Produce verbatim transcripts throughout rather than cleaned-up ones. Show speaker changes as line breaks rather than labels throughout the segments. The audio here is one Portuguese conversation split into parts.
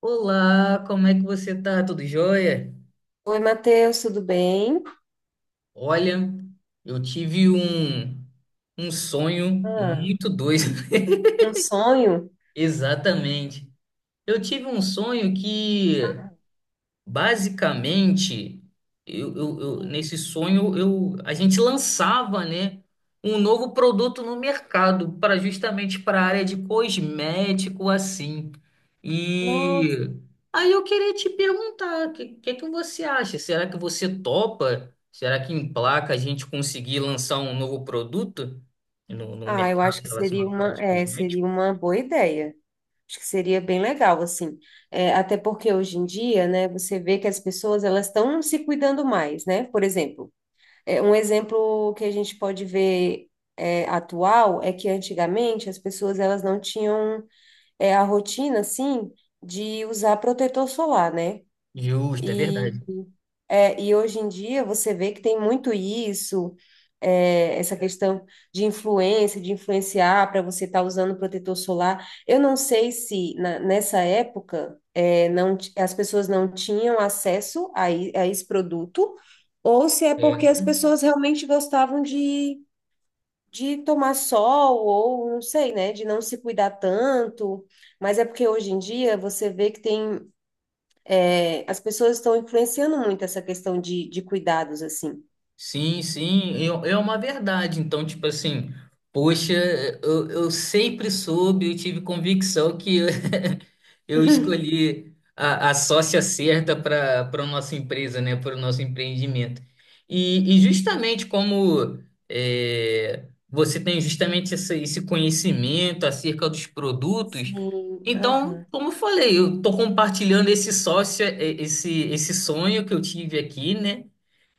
Olá, como é que você tá? Tudo jóia?
Oi, Matheus, tudo bem?
Olha, eu tive um, um sonho
Ah,
muito doido.
um sonho?
Exatamente. Eu tive um sonho que
Ah,
Basicamente, eu, eu- eu-
sim.
nesse sonho eu, a gente lançava, né, um novo produto no mercado para justamente para a área de cosmético assim.
Nossa,
E aí eu queria te perguntar, o que, que é que você acha? Será que você topa? Será que em placa a gente conseguir lançar um novo produto no, no
ah, eu
mercado
acho que seria
relacionado à prática
uma,
de
é,
cosmético?
seria uma boa ideia. Acho que seria bem legal, assim. É, até porque hoje em dia, né, você vê que as pessoas elas estão se cuidando mais, né? Por exemplo, é, um exemplo que a gente pode ver é, atual é que antigamente as pessoas elas não tinham é, a rotina, assim, de usar protetor solar, né?
Justo, é
E
verdade.
é, e hoje em dia você vê que tem muito isso, é, essa questão de influência, de influenciar para você estar usando protetor solar. Eu não sei se na- nessa época é, não, ti- as pessoas não tinham acesso a, i- a esse produto, ou se é
É.
porque as pessoas realmente gostavam de, de tomar sol, ou não sei, né, de não se cuidar tanto. Mas é porque hoje em dia você vê que tem é, as pessoas estão influenciando muito essa questão de, de cuidados, assim.
Sim, sim, é é uma verdade. Então, tipo assim, poxa, eu, eu sempre soube, eu tive convicção que eu eu escolhi a, a sócia certa para para a nossa empresa, né, para o nosso empreendimento. E, e justamente como é, você tem justamente essa- esse conhecimento acerca dos produtos,
Sim,
então,
aham,
como eu falei, eu estou compartilhando esse sócio, é, esse, esse sonho que eu tive aqui, né?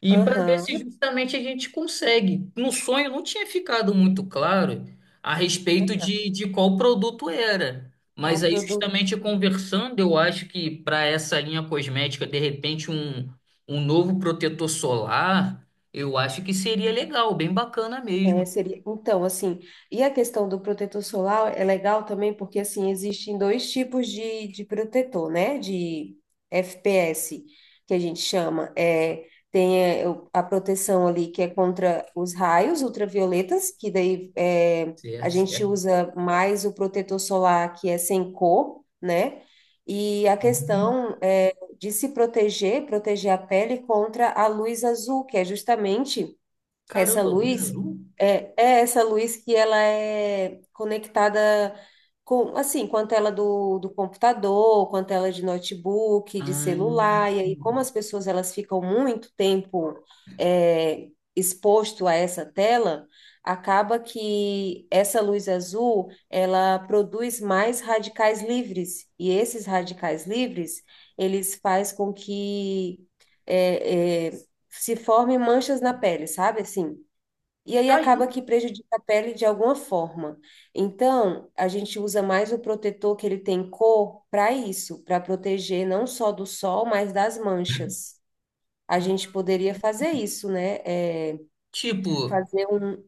E para ver se
aham,
justamente a gente consegue. No sonho não tinha ficado muito claro a respeito
aham.
de, de qual produto era. Mas
Qual
aí,
produto?
justamente conversando, eu acho que para essa linha cosmética, de repente, um, um novo protetor solar, eu acho que seria legal, bem bacana
É,
mesmo.
seria, então, assim, e a questão do protetor solar é legal também porque, assim, existem dois tipos de, de protetor, né? De F P S, que a gente chama. É, tem é, o- a proteção ali que é contra os raios ultravioletas, que daí é, a
Certo,
gente
certo.
usa mais o protetor solar que é sem cor, né? E a
Uhum.
questão é de se proteger, proteger a pele contra a luz azul, que é justamente essa
Caramba, luz
luz
azul?
é, é essa luz que ela é conectada com, assim, com a tela do, do computador, com a tela de notebook, de
Ah,
celular, e aí como as pessoas elas ficam muito tempo é, exposto a essa tela, acaba que essa luz azul, ela produz mais radicais livres, e esses radicais livres, eles faz com que é, é, se formem manchas na pele, sabe assim? E aí
tá
acaba
aí.
que prejudica a pele de alguma forma. Então, a gente usa mais o protetor que ele tem cor para isso, para proteger não só do sol, mas das manchas. A gente
Hum.
poderia fazer isso, né? É,
Tipo,
fazer um.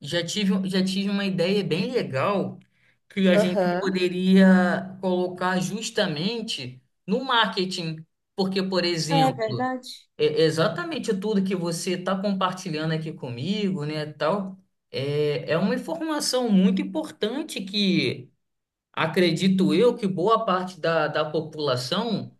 Já tive, um, já tive uma ideia bem legal que a gente
Aham.
poderia colocar justamente no marketing. Porque, por
É
exemplo,
verdade.
é- exatamente tudo que você está compartilhando aqui comigo, né, tal, é, é uma informação muito importante que acredito eu que boa parte da, da população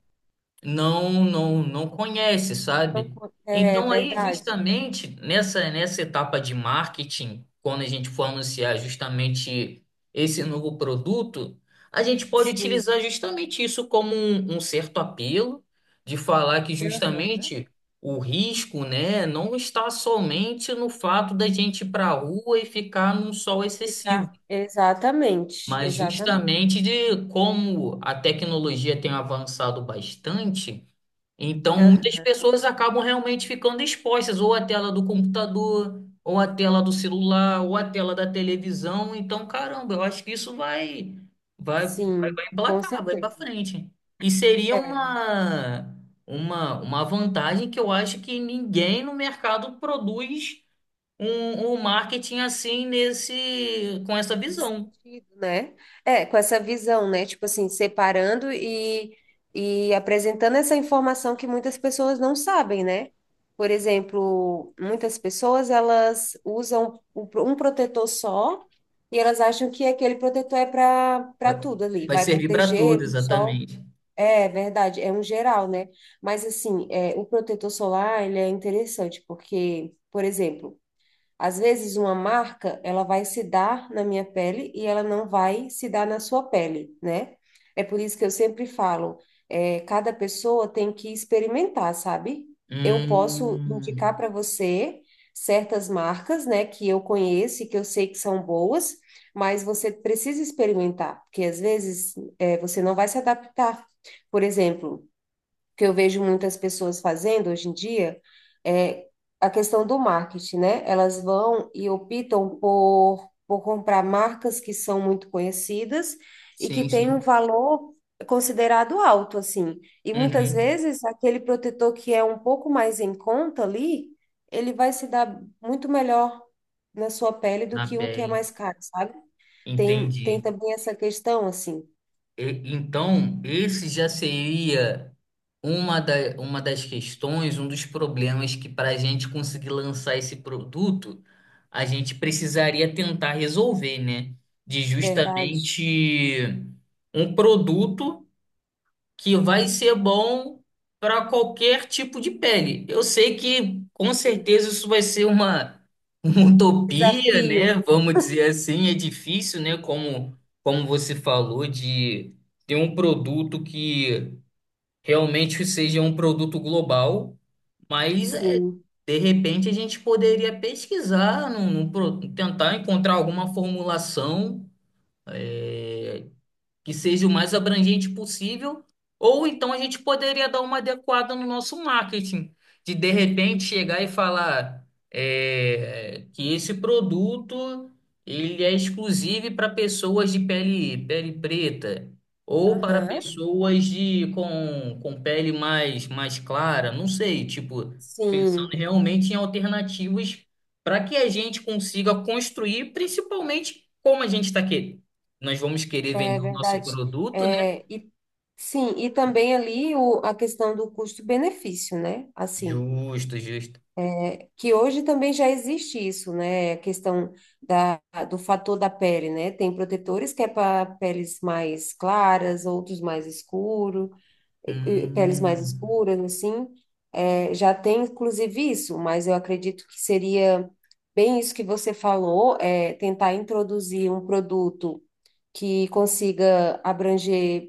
não não não conhece,
Então,
sabe?
é
Então aí
verdade.
justamente nessa nessa etapa de marketing, quando a gente for anunciar justamente esse novo produto, a gente pode
Sim.
utilizar justamente isso como um, um certo apelo de falar que
Aham.
justamente o risco, né, não está somente no fato da gente ir para a rua e ficar num sol excessivo.
Ficar. Exatamente.
Mas
Exatamente.
justamente de como a tecnologia tem avançado bastante, então, muitas
Aham.
pessoas acabam realmente ficando expostas ou à tela do computador, ou à tela do celular, ou à tela da televisão. Então, caramba, eu acho que isso vai vai vai,
Sim,
vai
com
emplacar, vai para
certeza.
frente. E seria
É.
uma uma uma vantagem que eu acho que ninguém no mercado produz um, um marketing assim nesse com essa
Nesse
visão.
sentido, né? É, com essa visão, né? Tipo assim, separando e, e apresentando essa informação que muitas pessoas não sabem, né? Por exemplo, muitas pessoas elas usam o pro- um protetor só e elas acham que aquele protetor é para para
Vai,
tudo ali,
vai
vai
servir para
proteger
tudo,
do sol.
exatamente.
É verdade, é um geral, né? Mas assim, é, o protetor solar, ele é interessante porque, por exemplo, às vezes uma marca, ela vai se dar na minha pele e ela não vai se dar na sua pele, né? É por isso que eu sempre falo, é, cada pessoa tem que experimentar, sabe? Eu posso indicar
Hum,
para você certas marcas, né, que eu conheço e que eu sei que são boas, mas você precisa experimentar, porque às vezes é, você não vai se adaptar. Por exemplo, que eu vejo muitas pessoas fazendo hoje em dia é a questão do marketing, né? Elas vão e optam por, por comprar marcas que são muito conhecidas e que
sim,
têm um
sim.
valor considerado alto, assim. E muitas
Uhum.
vezes aquele protetor que é um pouco mais em conta ali, ele vai se dar muito melhor na sua pele do
Na
que um que é
pele.
mais caro, sabe? Tem, tem
Entendi.
também essa questão, assim,
E- então, esse já seria uma, da, uma das questões, um dos problemas que para a gente conseguir lançar esse produto, a gente precisaria tentar resolver, né? De
verdade.
justamente um produto que vai ser bom para qualquer tipo de pele. Eu sei que com certeza isso vai ser uma, uma utopia, né?
Desafio,
Vamos dizer assim, é difícil, né? Como, como você falou, de ter um produto que realmente seja um produto global, mas é,
sim.
de repente a gente poderia pesquisar, num, num pro- tentar encontrar alguma formulação é, que seja o mais abrangente possível, ou então a gente poderia dar uma adequada no nosso marketing, de de repente chegar e falar é, que esse produto ele é exclusivo para pessoas de pele, pele preta ou para
Aham.
pessoas de com, com pele mais, mais clara, não sei, tipo, pensando
Sim,
realmente em alternativas para que a gente consiga construir, principalmente como a gente está nós vamos querer
é
vender o nosso
verdade.
produto, né?
É, e, sim, e também ali o, a questão do custo-benefício, né? Assim,
Justo, justo.
é, que hoje também já existe isso, né? A questão da, do fator da pele, né? Tem protetores que é para peles mais claras, outros mais escuros. Eh, peles mais
Hum,
escuras, assim, eh, já tem inclusive isso, mas eu acredito que seria bem isso que você falou, é, tentar introduzir um produto que consiga abranger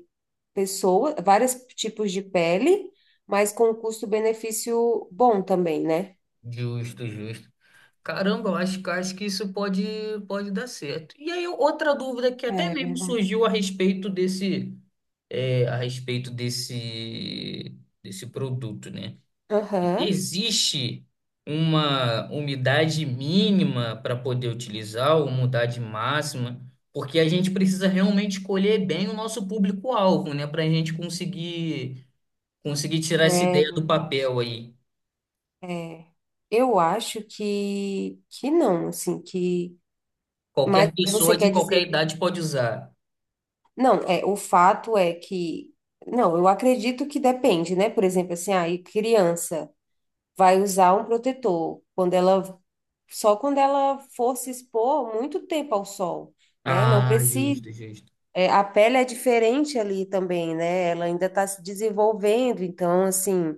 pessoas, vários tipos de pele, mas com um custo-benefício bom também, né?
justo, justo. Caramba, eu acho, que- acho que isso pode, pode dar certo. E aí, outra dúvida que até
É
mesmo
verdade.
surgiu a respeito desse, é, a respeito desse, desse produto, né?
Aham,
Existe uma umidade mínima para poder utilizar, ou umidade máxima, porque a gente precisa realmente escolher bem o nosso público-alvo, né? Para a gente conseguir, conseguir tirar essa
é
ideia do
verdade.
papel aí.
É, eu acho que, que não, assim, que...
Qualquer
Mas você
pessoa de
quer
qualquer
dizer
idade pode usar.
não, é, o fato é que, não, eu acredito que depende, né? Por exemplo, assim, aí criança vai usar um protetor quando ela, só quando ela for se expor muito tempo ao sol, né? Não
Ah,
precisa.
justo, justo.
É, a pele é diferente ali também, né? Ela ainda está se desenvolvendo, então, assim,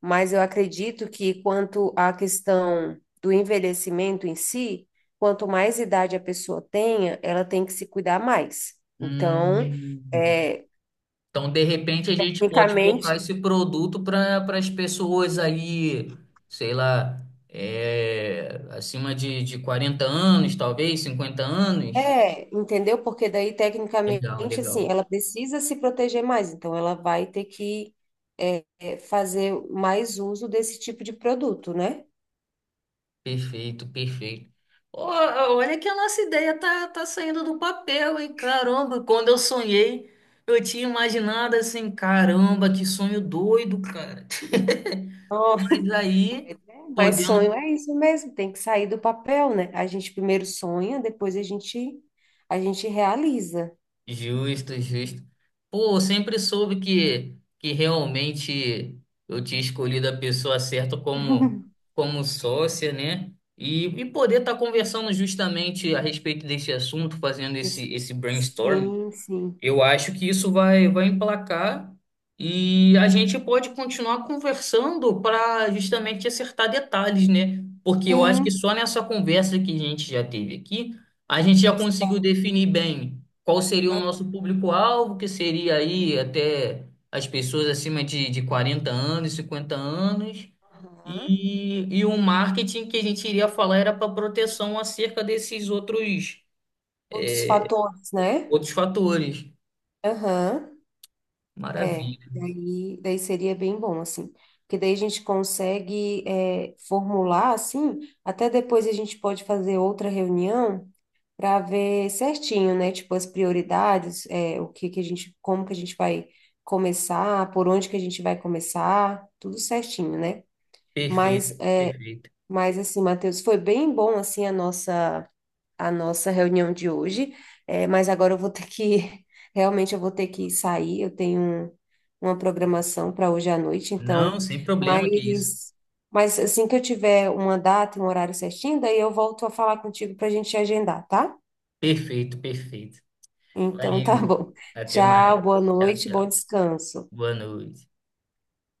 mas eu acredito que quanto à questão do envelhecimento em si, quanto mais idade a pessoa tenha, ela tem que se cuidar mais. Então,
Hum.
é,
Então, de repente, a gente pode
tecnicamente,
focar esse produto para para as pessoas aí, sei lá, é, acima de, de quarenta anos, talvez, cinquenta anos.
é, entendeu? Porque daí, tecnicamente,
Legal,
assim,
legal.
ela precisa se proteger mais, então ela vai ter que é, é, fazer mais uso desse tipo de produto, né?
Perfeito, perfeito. Ó, olha que a nossa ideia tá, tá saindo do papel, hein? Caramba, quando eu sonhei, eu tinha imaginado assim, caramba, que sonho doido, cara.
Nossa,
Mas aí,
mas é, mas sonho
podendo.
é isso mesmo, tem que sair do papel, né? A gente primeiro sonha, depois a gente, a gente realiza.
Justo, justo. Pô, eu sempre soube que, que realmente eu tinha escolhido a pessoa certa como, como sócia, né? E, e poder estar conversando justamente a respeito desse assunto, fazendo
Des-
esse, esse brainstorm
sim, sim.
eu acho que isso vai, vai emplacar e a gente pode continuar conversando para justamente acertar detalhes, né? Porque eu acho que
Sim.
só nessa conversa que a gente já teve aqui, a gente já conseguiu definir bem qual seria
É,
o nosso
aham.
público-alvo, que seria aí até as pessoas acima de, de quarenta anos, cinquenta anos,
Aham.
e, e o marketing que a gente iria falar era para proteção acerca desses outros,
Outros fatores, né?
outros fatores.
Aham. É,
Maravilha.
daí, daí seria bem bom, assim, porque daí a gente consegue é, formular, assim, até depois a gente pode fazer outra reunião para ver certinho, né, tipo, as prioridades, é, o que que a gente, como que a gente vai começar, por onde que a gente vai começar, tudo certinho, né?
Perfeito,
Mas, é,
perfeito.
mas assim, Matheus, foi bem bom, assim, a nossa a nossa reunião de hoje, é, mas agora eu vou ter que, realmente eu vou ter que sair, eu tenho um- uma programação para hoje à noite,
Não,
então,
sem problema, que isso.
mas, mas assim que eu tiver uma data e um horário certinho, daí eu volto a falar contigo para a gente agendar, tá?
Perfeito, perfeito.
Então tá
Valeu.
bom.
Até
Tchau,
mais.
boa
Tchau,
noite, bom
tchau.
descanso.
Boa noite.